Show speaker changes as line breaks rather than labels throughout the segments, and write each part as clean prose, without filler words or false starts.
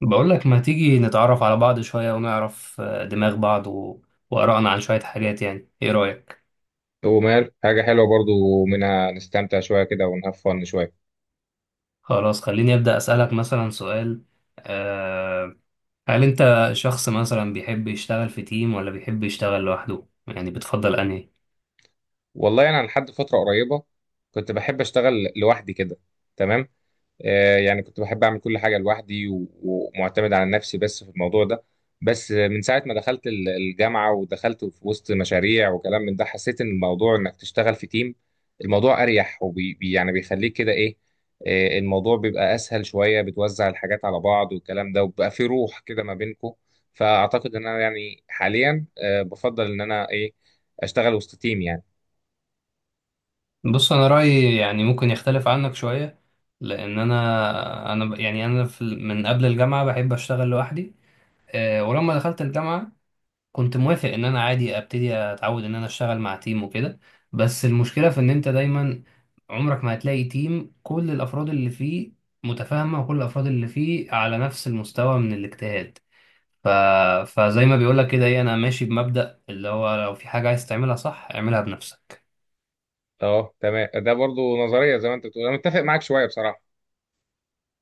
بقول لك ما تيجي نتعرف على بعض شوية ونعرف دماغ بعض وآرائنا عن شوية حاجات. يعني إيه رأيك؟
ومال حاجة حلوة برضو، ومنها نستمتع شوية كده ونهاف فن شوية.
خلاص، خليني أبدأ أسألك مثلا سؤال. أه... هل أنت شخص مثلا بيحب يشتغل في تيم ولا بيحب يشتغل لوحده؟ يعني بتفضل أنهي؟
والله أنا لحد فترة قريبة كنت بحب أشتغل لوحدي كده. تمام. يعني كنت بحب اعمل كل حاجه لوحدي و- ومعتمد على نفسي بس في الموضوع ده. بس من ساعه ما دخلت الجامعه ودخلت في وسط مشاريع وكلام من ده حسيت ان الموضوع انك تشتغل في تيم، الموضوع اريح، يعني بيخليك كده ايه. الموضوع بيبقى اسهل شويه، بتوزع الحاجات على بعض والكلام ده، وبيبقى في روح كده ما بينكم. فاعتقد ان انا يعني حاليا بفضل ان انا ايه اشتغل وسط تيم يعني.
بص، أنا رأيي يعني ممكن يختلف عنك شوية، لأن أنا يعني أنا من قبل الجامعة بحب أشتغل لوحدي. ولما دخلت الجامعة كنت موافق ان انا عادي ابتدي اتعود ان انا اشتغل مع تيم وكده. بس المشكله في ان انت دايما عمرك ما هتلاقي تيم كل الافراد اللي فيه متفاهمه وكل الافراد اللي فيه على نفس المستوى من الاجتهاد. ف... فزي ما بيقولك كده ايه، انا ماشي بمبدأ اللي هو لو في حاجه عايز تعملها صح اعملها بنفسك.
اه تمام، ده برضو نظريه زي ما انت بتقول، انا متفق معاك شويه بصراحه.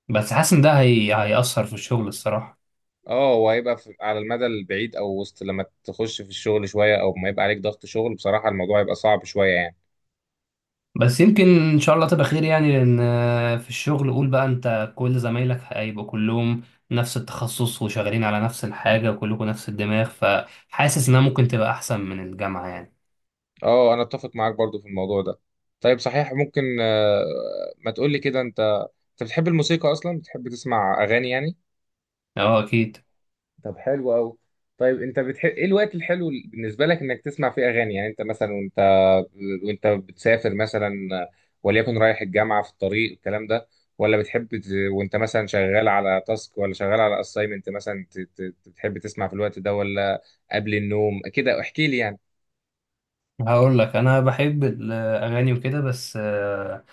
بس حاسس ان ده هيأثر في الشغل الصراحه.
اه، وهيبقى على المدى البعيد، او وسط لما تخش في الشغل شويه او ما يبقى عليك ضغط شغل، بصراحه الموضوع يبقى صعب شويه يعني.
بس يمكن ان شاء الله تبقى خير يعني، لان في الشغل قول بقى انت كل زمايلك هيبقوا كلهم نفس التخصص وشغالين على نفس الحاجة وكلكم نفس الدماغ، فحاسس انها ممكن تبقى احسن من الجامعة يعني.
اه، انا اتفق معاك برضو في الموضوع ده. طيب صحيح، ممكن ما تقولي كده انت بتحب الموسيقى اصلا؟ بتحب تسمع اغاني يعني؟
اه، اكيد.
طب حلو قوي. طيب انت بتحب ايه الوقت الحلو بالنسبه لك انك تسمع فيه اغاني؟ يعني انت مثلا، وانت بتسافر مثلا، وليكن رايح الجامعه في الطريق الكلام ده، ولا بتحب وانت مثلا شغال على تاسك ولا شغال على اسايمنت مثلا، بتحب تسمع في الوقت ده ولا قبل النوم كده؟ احكي لي يعني.
هقول لك انا بحب الاغاني وكده، بس آه،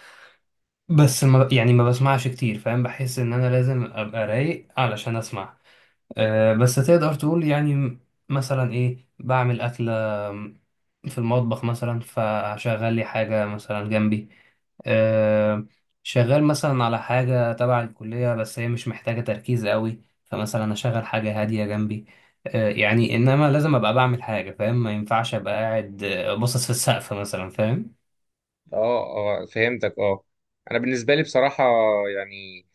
بس ما يعني ما بسمعش كتير فاهم، بحس ان انا لازم ابقى رايق علشان اسمع. بس تقدر تقول يعني مثلا ايه، بعمل أكلة في المطبخ مثلا فشغل لي حاجة مثلا جنبي. آه، شغال مثلا على حاجة تبع الكلية بس هي مش محتاجة تركيز قوي، فمثلا أشغل حاجة هادية جنبي. يعني إنما لازم أبقى بعمل حاجة فاهم، ما ينفعش أبقى قاعد باصص في السقف مثلا فاهم.
اه، اه، فهمتك. اه. انا بالنسبه لي بصراحه يعني،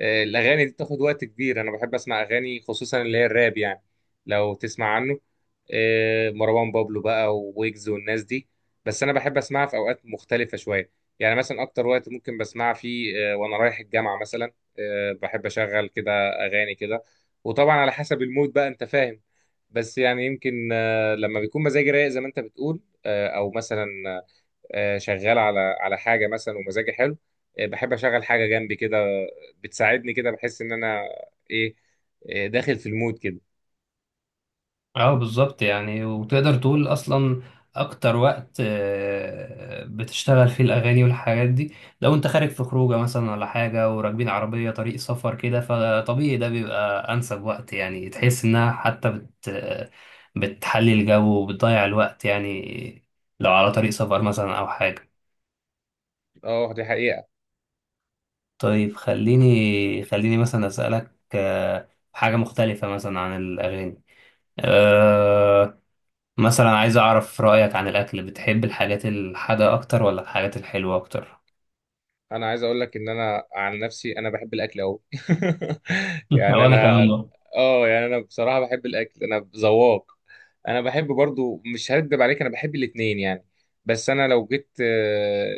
الاغاني دي بتاخد وقت كبير. انا بحب اسمع اغاني خصوصا اللي هي الراب يعني، لو تسمع عنه. مروان بابلو بقى وويجز والناس دي. بس انا بحب اسمعها في اوقات مختلفه شويه. يعني مثلا اكتر وقت ممكن بسمعها فيه وانا رايح الجامعه مثلا. بحب اشغل كده اغاني كده. وطبعا على حسب المود بقى انت فاهم. بس يعني يمكن لما بيكون مزاجي رايق زي ما انت بتقول، او مثلا شغال على حاجه مثلا ومزاجي حلو، بحب اشغل حاجه جنبي كده. بتساعدني كده، بحس ان انا ايه داخل في المود كده.
اه بالظبط يعني، وتقدر تقول اصلا اكتر وقت بتشتغل فيه الاغاني والحاجات دي، لو انت خارج في خروجه مثلا ولا حاجه وراكبين عربيه طريق سفر كده، فطبيعي ده بيبقى انسب وقت. يعني تحس انها حتى بتحلي الجو وبتضيع الوقت يعني، لو على طريق سفر مثلا او حاجه.
اه دي حقيقه.
طيب، خليني مثلا اسالك حاجه مختلفه مثلا عن الاغاني. آه، مثلا عايز أعرف رأيك عن الأكل، بتحب الحاجات الحادقة أكتر ولا الحاجات الحلوة أكتر؟
انا عايز اقول لك ان انا عن نفسي انا بحب الاكل قوي يعني
وأنا
انا،
كمان برضه.
اه يعني انا بصراحه بحب الاكل، انا ذواق. انا بحب برضو، مش هكدب عليك انا بحب الاتنين يعني. بس انا لو جيت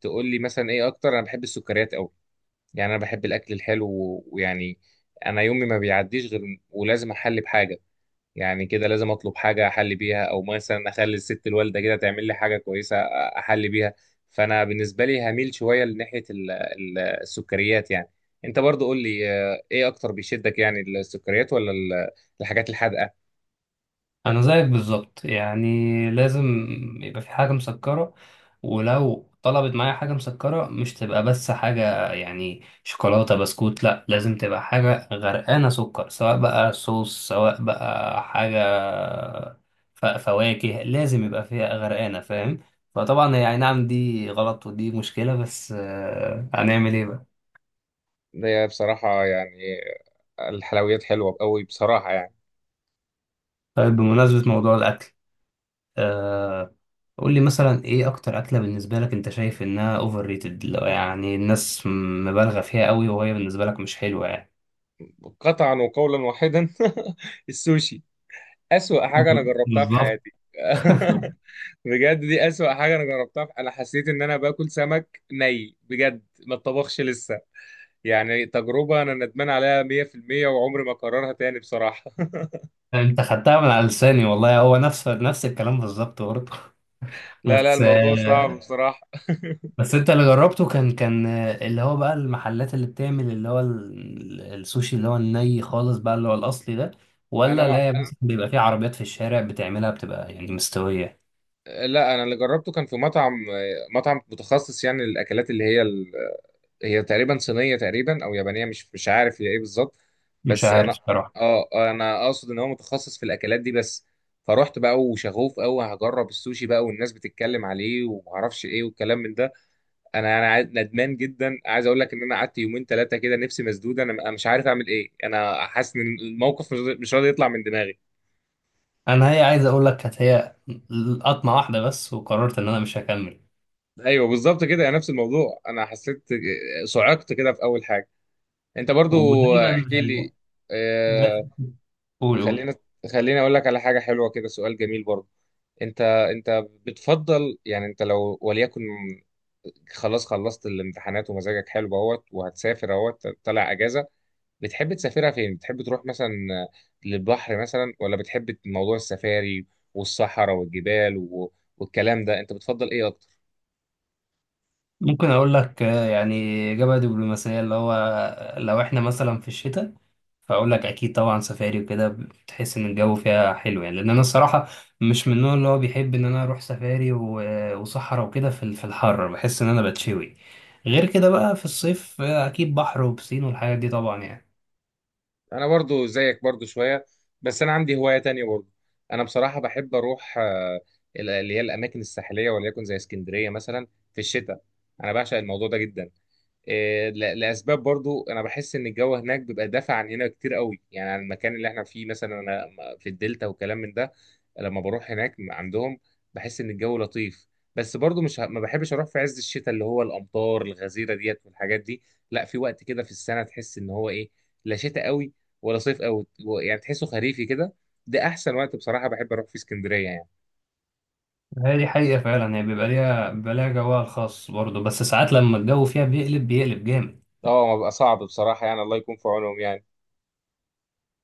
تقول لي مثلا ايه اكتر، انا بحب السكريات. يعني انا بحب الاكل الحلو و- ويعني انا يومي ما بيعديش غير ولازم احلي بحاجه. يعني كده لازم اطلب حاجه احلي بيها، او مثلا اخلي الست الوالده كده تعمل لي حاجه كويسه احلي بيها. فانا بالنسبه لي هميل شويه لناحيه السكريات يعني. انت برضو قول لي ايه اكتر بيشدك؟ يعني السكريات ولا الحاجات الحادقه؟
أنا زيك بالظبط يعني، لازم يبقى في حاجة مسكرة. ولو طلبت معايا حاجة مسكرة مش تبقى بس حاجة يعني شوكولاتة بسكوت، لأ لازم تبقى حاجة غرقانة سكر، سواء بقى صوص سواء بقى حاجة فواكه، لازم يبقى فيها غرقانة فاهم؟ فطبعا يعني نعم دي غلط ودي مشكلة، بس هنعمل ايه بقى.
هي بصراحه يعني الحلويات حلوه قوي بصراحه يعني.
طيب، بمناسبة موضوع الأكل، آه قول لي مثلا إيه أكتر أكلة بالنسبة لك أنت شايف إنها أوفر ريتد، يعني الناس مبالغة فيها قوي وهي بالنسبة لك مش حلوة يعني.
قطعا وقولا واحدا السوشي اسوأ حاجه انا جربتها في
بالظبط.
حياتي بجد دي أسوأ حاجة أنا جربتها. أنا حسيت إن أنا باكل سمك ني بجد ما اتطبخش لسه. يعني تجربة أنا ندمان عليها 100%، وعمري ما أكررها تاني بصراحة
أنت خدتها من على لساني والله، هو نفس نفس الكلام بالظبط برضه.
لا، لا،
بس
الموضوع صعب
آه
بصراحة.
بس أنت اللي جربته كان اللي هو بقى المحلات اللي بتعمل اللي هو السوشي اللي هو الني خالص بقى اللي هو الأصلي ده،
أنا
ولا
ما
لا
أنا...
بس بيبقى فيه عربيات في الشارع بتعملها بتبقى يعني مستوية؟
لا، أنا اللي جربته كان في مطعم متخصص يعني للأكلات اللي هي تقريبا صينية تقريبا او يابانية، مش عارف هي ايه بالظبط.
مش
بس
عارف
انا،
بصراحة.
اه، انا اقصد ان هو متخصص في الاكلات دي بس. فروحت بقى وشغوف قوي هجرب السوشي بقى، والناس بتتكلم عليه ومعرفش ايه والكلام من ده. انا ندمان جدا، عايز اقول لك ان انا قعدت يومين ثلاثة كده نفسي مسدودة. انا مش عارف اعمل ايه، انا حاسس ان الموقف مش راضي يطلع من دماغي.
انا هي عايز اقول لك كانت هي قطمه واحده بس، وقررت ان انا مش هكمل.
ايوه بالظبط كده، يعني نفس الموضوع انا حسيت، صعقت كده في اول حاجة. انت برضو
ودايما.
احكي لي. آه،
لا، قول قول.
خلينا خليني اقول لك على حاجه حلوه كده، سؤال جميل برضه. انت بتفضل يعني، انت لو وليكن خلاص خلصت الامتحانات ومزاجك حلو اهوت وهتسافر اهوت طالع اجازه، بتحب تسافرها فين؟ بتحب تروح مثلا للبحر مثلا، ولا بتحب موضوع السفاري والصحراء والجبال والكلام ده؟ انت بتفضل ايه اكتر؟
ممكن اقول لك يعني اجابه دبلوماسيه اللي هو لو احنا مثلا في الشتاء، فاقول لك اكيد طبعا سفاري وكده، بتحس ان الجو فيها حلو يعني، لان انا الصراحه مش من النوع اللي هو بيحب ان انا اروح سفاري وصحراء وكده في الحر، بحس ان انا بتشوي. غير كده بقى في الصيف اكيد بحر وبسين والحاجات دي طبعا يعني.
انا برضو زيك برضو شويه، بس انا عندي هوايه تانية برضو. انا بصراحه بحب اروح اللي هي الاماكن الساحليه وليكن زي اسكندريه مثلا في الشتاء. انا بعشق الموضوع ده جدا. لاسباب برضو، انا بحس ان الجو هناك بيبقى دافع عن هنا كتير قوي، يعني عن المكان اللي احنا فيه مثلا، انا في الدلتا وكلام من ده. لما بروح هناك عندهم بحس ان الجو لطيف. بس برضو مش ه- ما بحبش اروح في عز الشتاء اللي هو الامطار الغزيره ديت والحاجات دي. لا، في وقت كده في السنه تحس ان هو ايه، لا شتاء قوي ولا صيف قوي يعني تحسه خريفي كده. ده احسن وقت بصراحه بحب اروح في اسكندريه يعني.
هي دي حقيقة فعلا، هي بيبقى ليها جوها الخاص برضه، بس ساعات لما الجو فيها بيقلب بيقلب جامد.
اه، ما بقى صعب بصراحه يعني، الله يكون في عونهم يعني.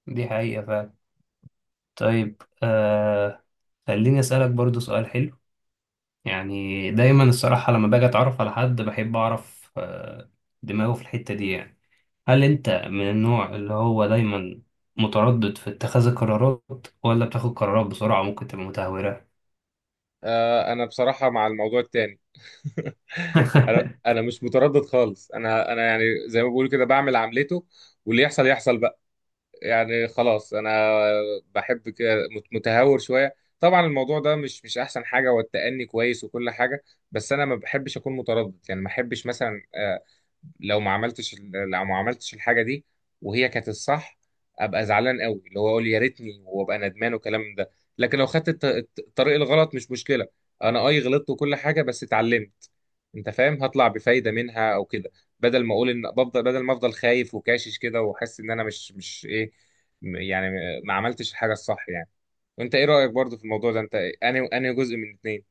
دي حقيقة فعلا. طيب خليني أسألك برضه سؤال حلو. يعني دايما الصراحة لما باجي أتعرف على حد بحب أعرف دماغه في الحتة دي يعني. هل أنت من النوع اللي هو دايما متردد في اتخاذ القرارات ولا بتاخد قرارات بسرعة ممكن تبقى متهورة؟
انا بصراحه مع الموضوع التاني انا انا مش متردد خالص. انا يعني زي ما بقول كده بعمل عملته واللي يحصل يحصل. يعني خلاص انا بحب كده متهور شويه. طبعا الموضوع ده مش احسن حاجه، والتأني كويس وكل حاجه. بس انا ما بحبش اكون متردد يعني. ما بحبش مثلا لو ما عملتش الحاجه دي وهي كانت الصح، ابقى زعلان قوي، اللي هو اقول يا ريتني وابقى ندمان والكلام ده. لكن لو خدت الطريق الغلط مش مشكله. انا اي غلطت وكل حاجه بس اتعلمت، انت فاهم، هطلع بفايده منها او كده. بدل ما اقول ان بفضل بدل ما افضل خايف وكاشش كده واحس ان انا مش ايه، يعني ما عملتش الحاجه الصح يعني. وانت ايه رايك برضو في الموضوع ده انت؟ انهي جزء من اتنين؟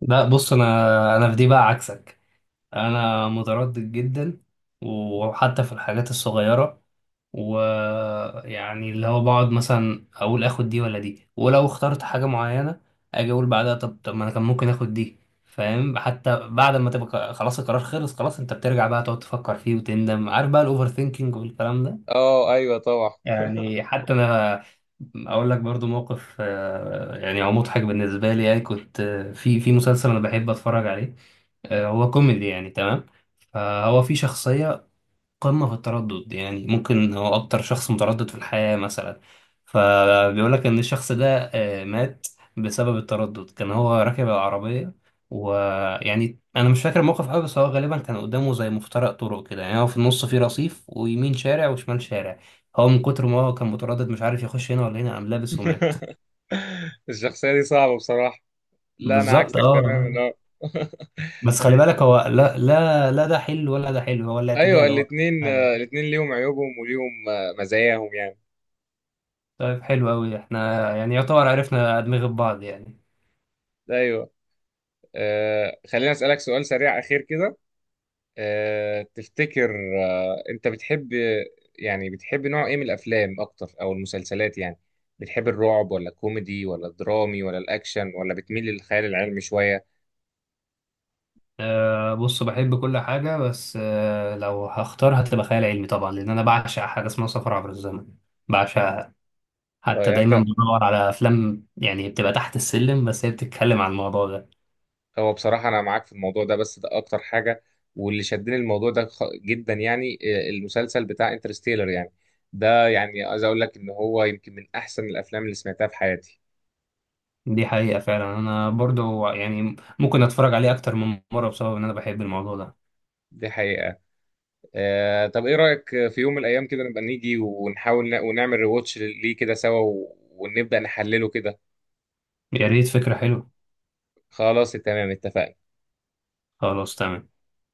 لا، بص أنا في دي بقى عكسك. انا متردد جدا، وحتى في الحاجات الصغيره. ويعني اللي هو بقعد مثلا اقول اخد دي ولا دي، ولو اخترت حاجه معينه اجي اقول بعدها طب ما انا كان ممكن اخد دي. فاهم؟ حتى بعد ما تبقى خلاص القرار خلص خلاص، انت بترجع بقى تقعد تفكر فيه وتندم. عارف بقى الاوفر ثينكينج والكلام ده.
اه ايوه طبعا
يعني حتى انا اقول لك برضو موقف يعني هو مضحك بالنسبه لي. يعني كنت في مسلسل انا بحب اتفرج عليه، هو كوميدي يعني تمام. فهو في شخصية قمة في التردد، يعني ممكن هو أكتر شخص متردد في الحياة مثلا. فبيقول لك إن الشخص ده مات بسبب التردد. كان هو راكب العربية، ويعني أنا مش فاكر الموقف أوي، بس هو غالبا كان قدامه زي مفترق طرق كده. يعني هو في النص فيه رصيف ويمين شارع وشمال شارع، هو من كتر ما هو كان متردد مش عارف يخش هنا ولا هنا قام لابس ومات.
الشخصيه دي صعبه بصراحه. لا، انا
بالظبط
عكسك
اه.
تماما اه
بس خلي بالك هو لا لا لا ده حلو ولا ده حلو، هو
ايوه،
الاعتدال هو حاجة.
الاتنين ليهم عيوبهم وليهم مزاياهم يعني.
طيب حلو أوي، احنا يعني يعتبر عرفنا أدمغة بعض يعني.
ايوه. خليني اسالك سؤال سريع اخير كده. تفتكر انت بتحب يعني بتحب نوع ايه من الافلام اكتر او المسلسلات يعني؟ بتحب الرعب ولا الكوميدي ولا الدرامي ولا الاكشن ولا بتميل للخيال العلمي شوية؟
بص بحب كل حاجة، بس لو هختار هتبقى خيال علمي طبعا، لأن أنا بعشق حاجة اسمها سفر عبر الزمن. بعشقها.
طيب
حتى
يعني
دايما
انت
بدور على أفلام يعني بتبقى تحت السلم بس هي بتتكلم عن الموضوع ده.
هو بصراحة انا معاك في الموضوع ده بس ده اكتر حاجة. واللي شدني الموضوع ده جدا يعني، المسلسل بتاع انترستيلر يعني. ده يعني عايز اقول لك ان هو يمكن من احسن الافلام اللي سمعتها في حياتي.
دي حقيقة فعلا. أنا برضو يعني ممكن أتفرج عليه أكتر من مرة بسبب إن أنا بحب الموضوع ده.
دي حقيقة. طب ايه رأيك في يوم من الايام كده نبقى نيجي ونحاول ونعمل ريواتش ليه كده سوا ونبدأ نحلله كده؟
يا ريت، فكرة حلوة.
خلاص تمام اتفقنا.
خلاص تمام.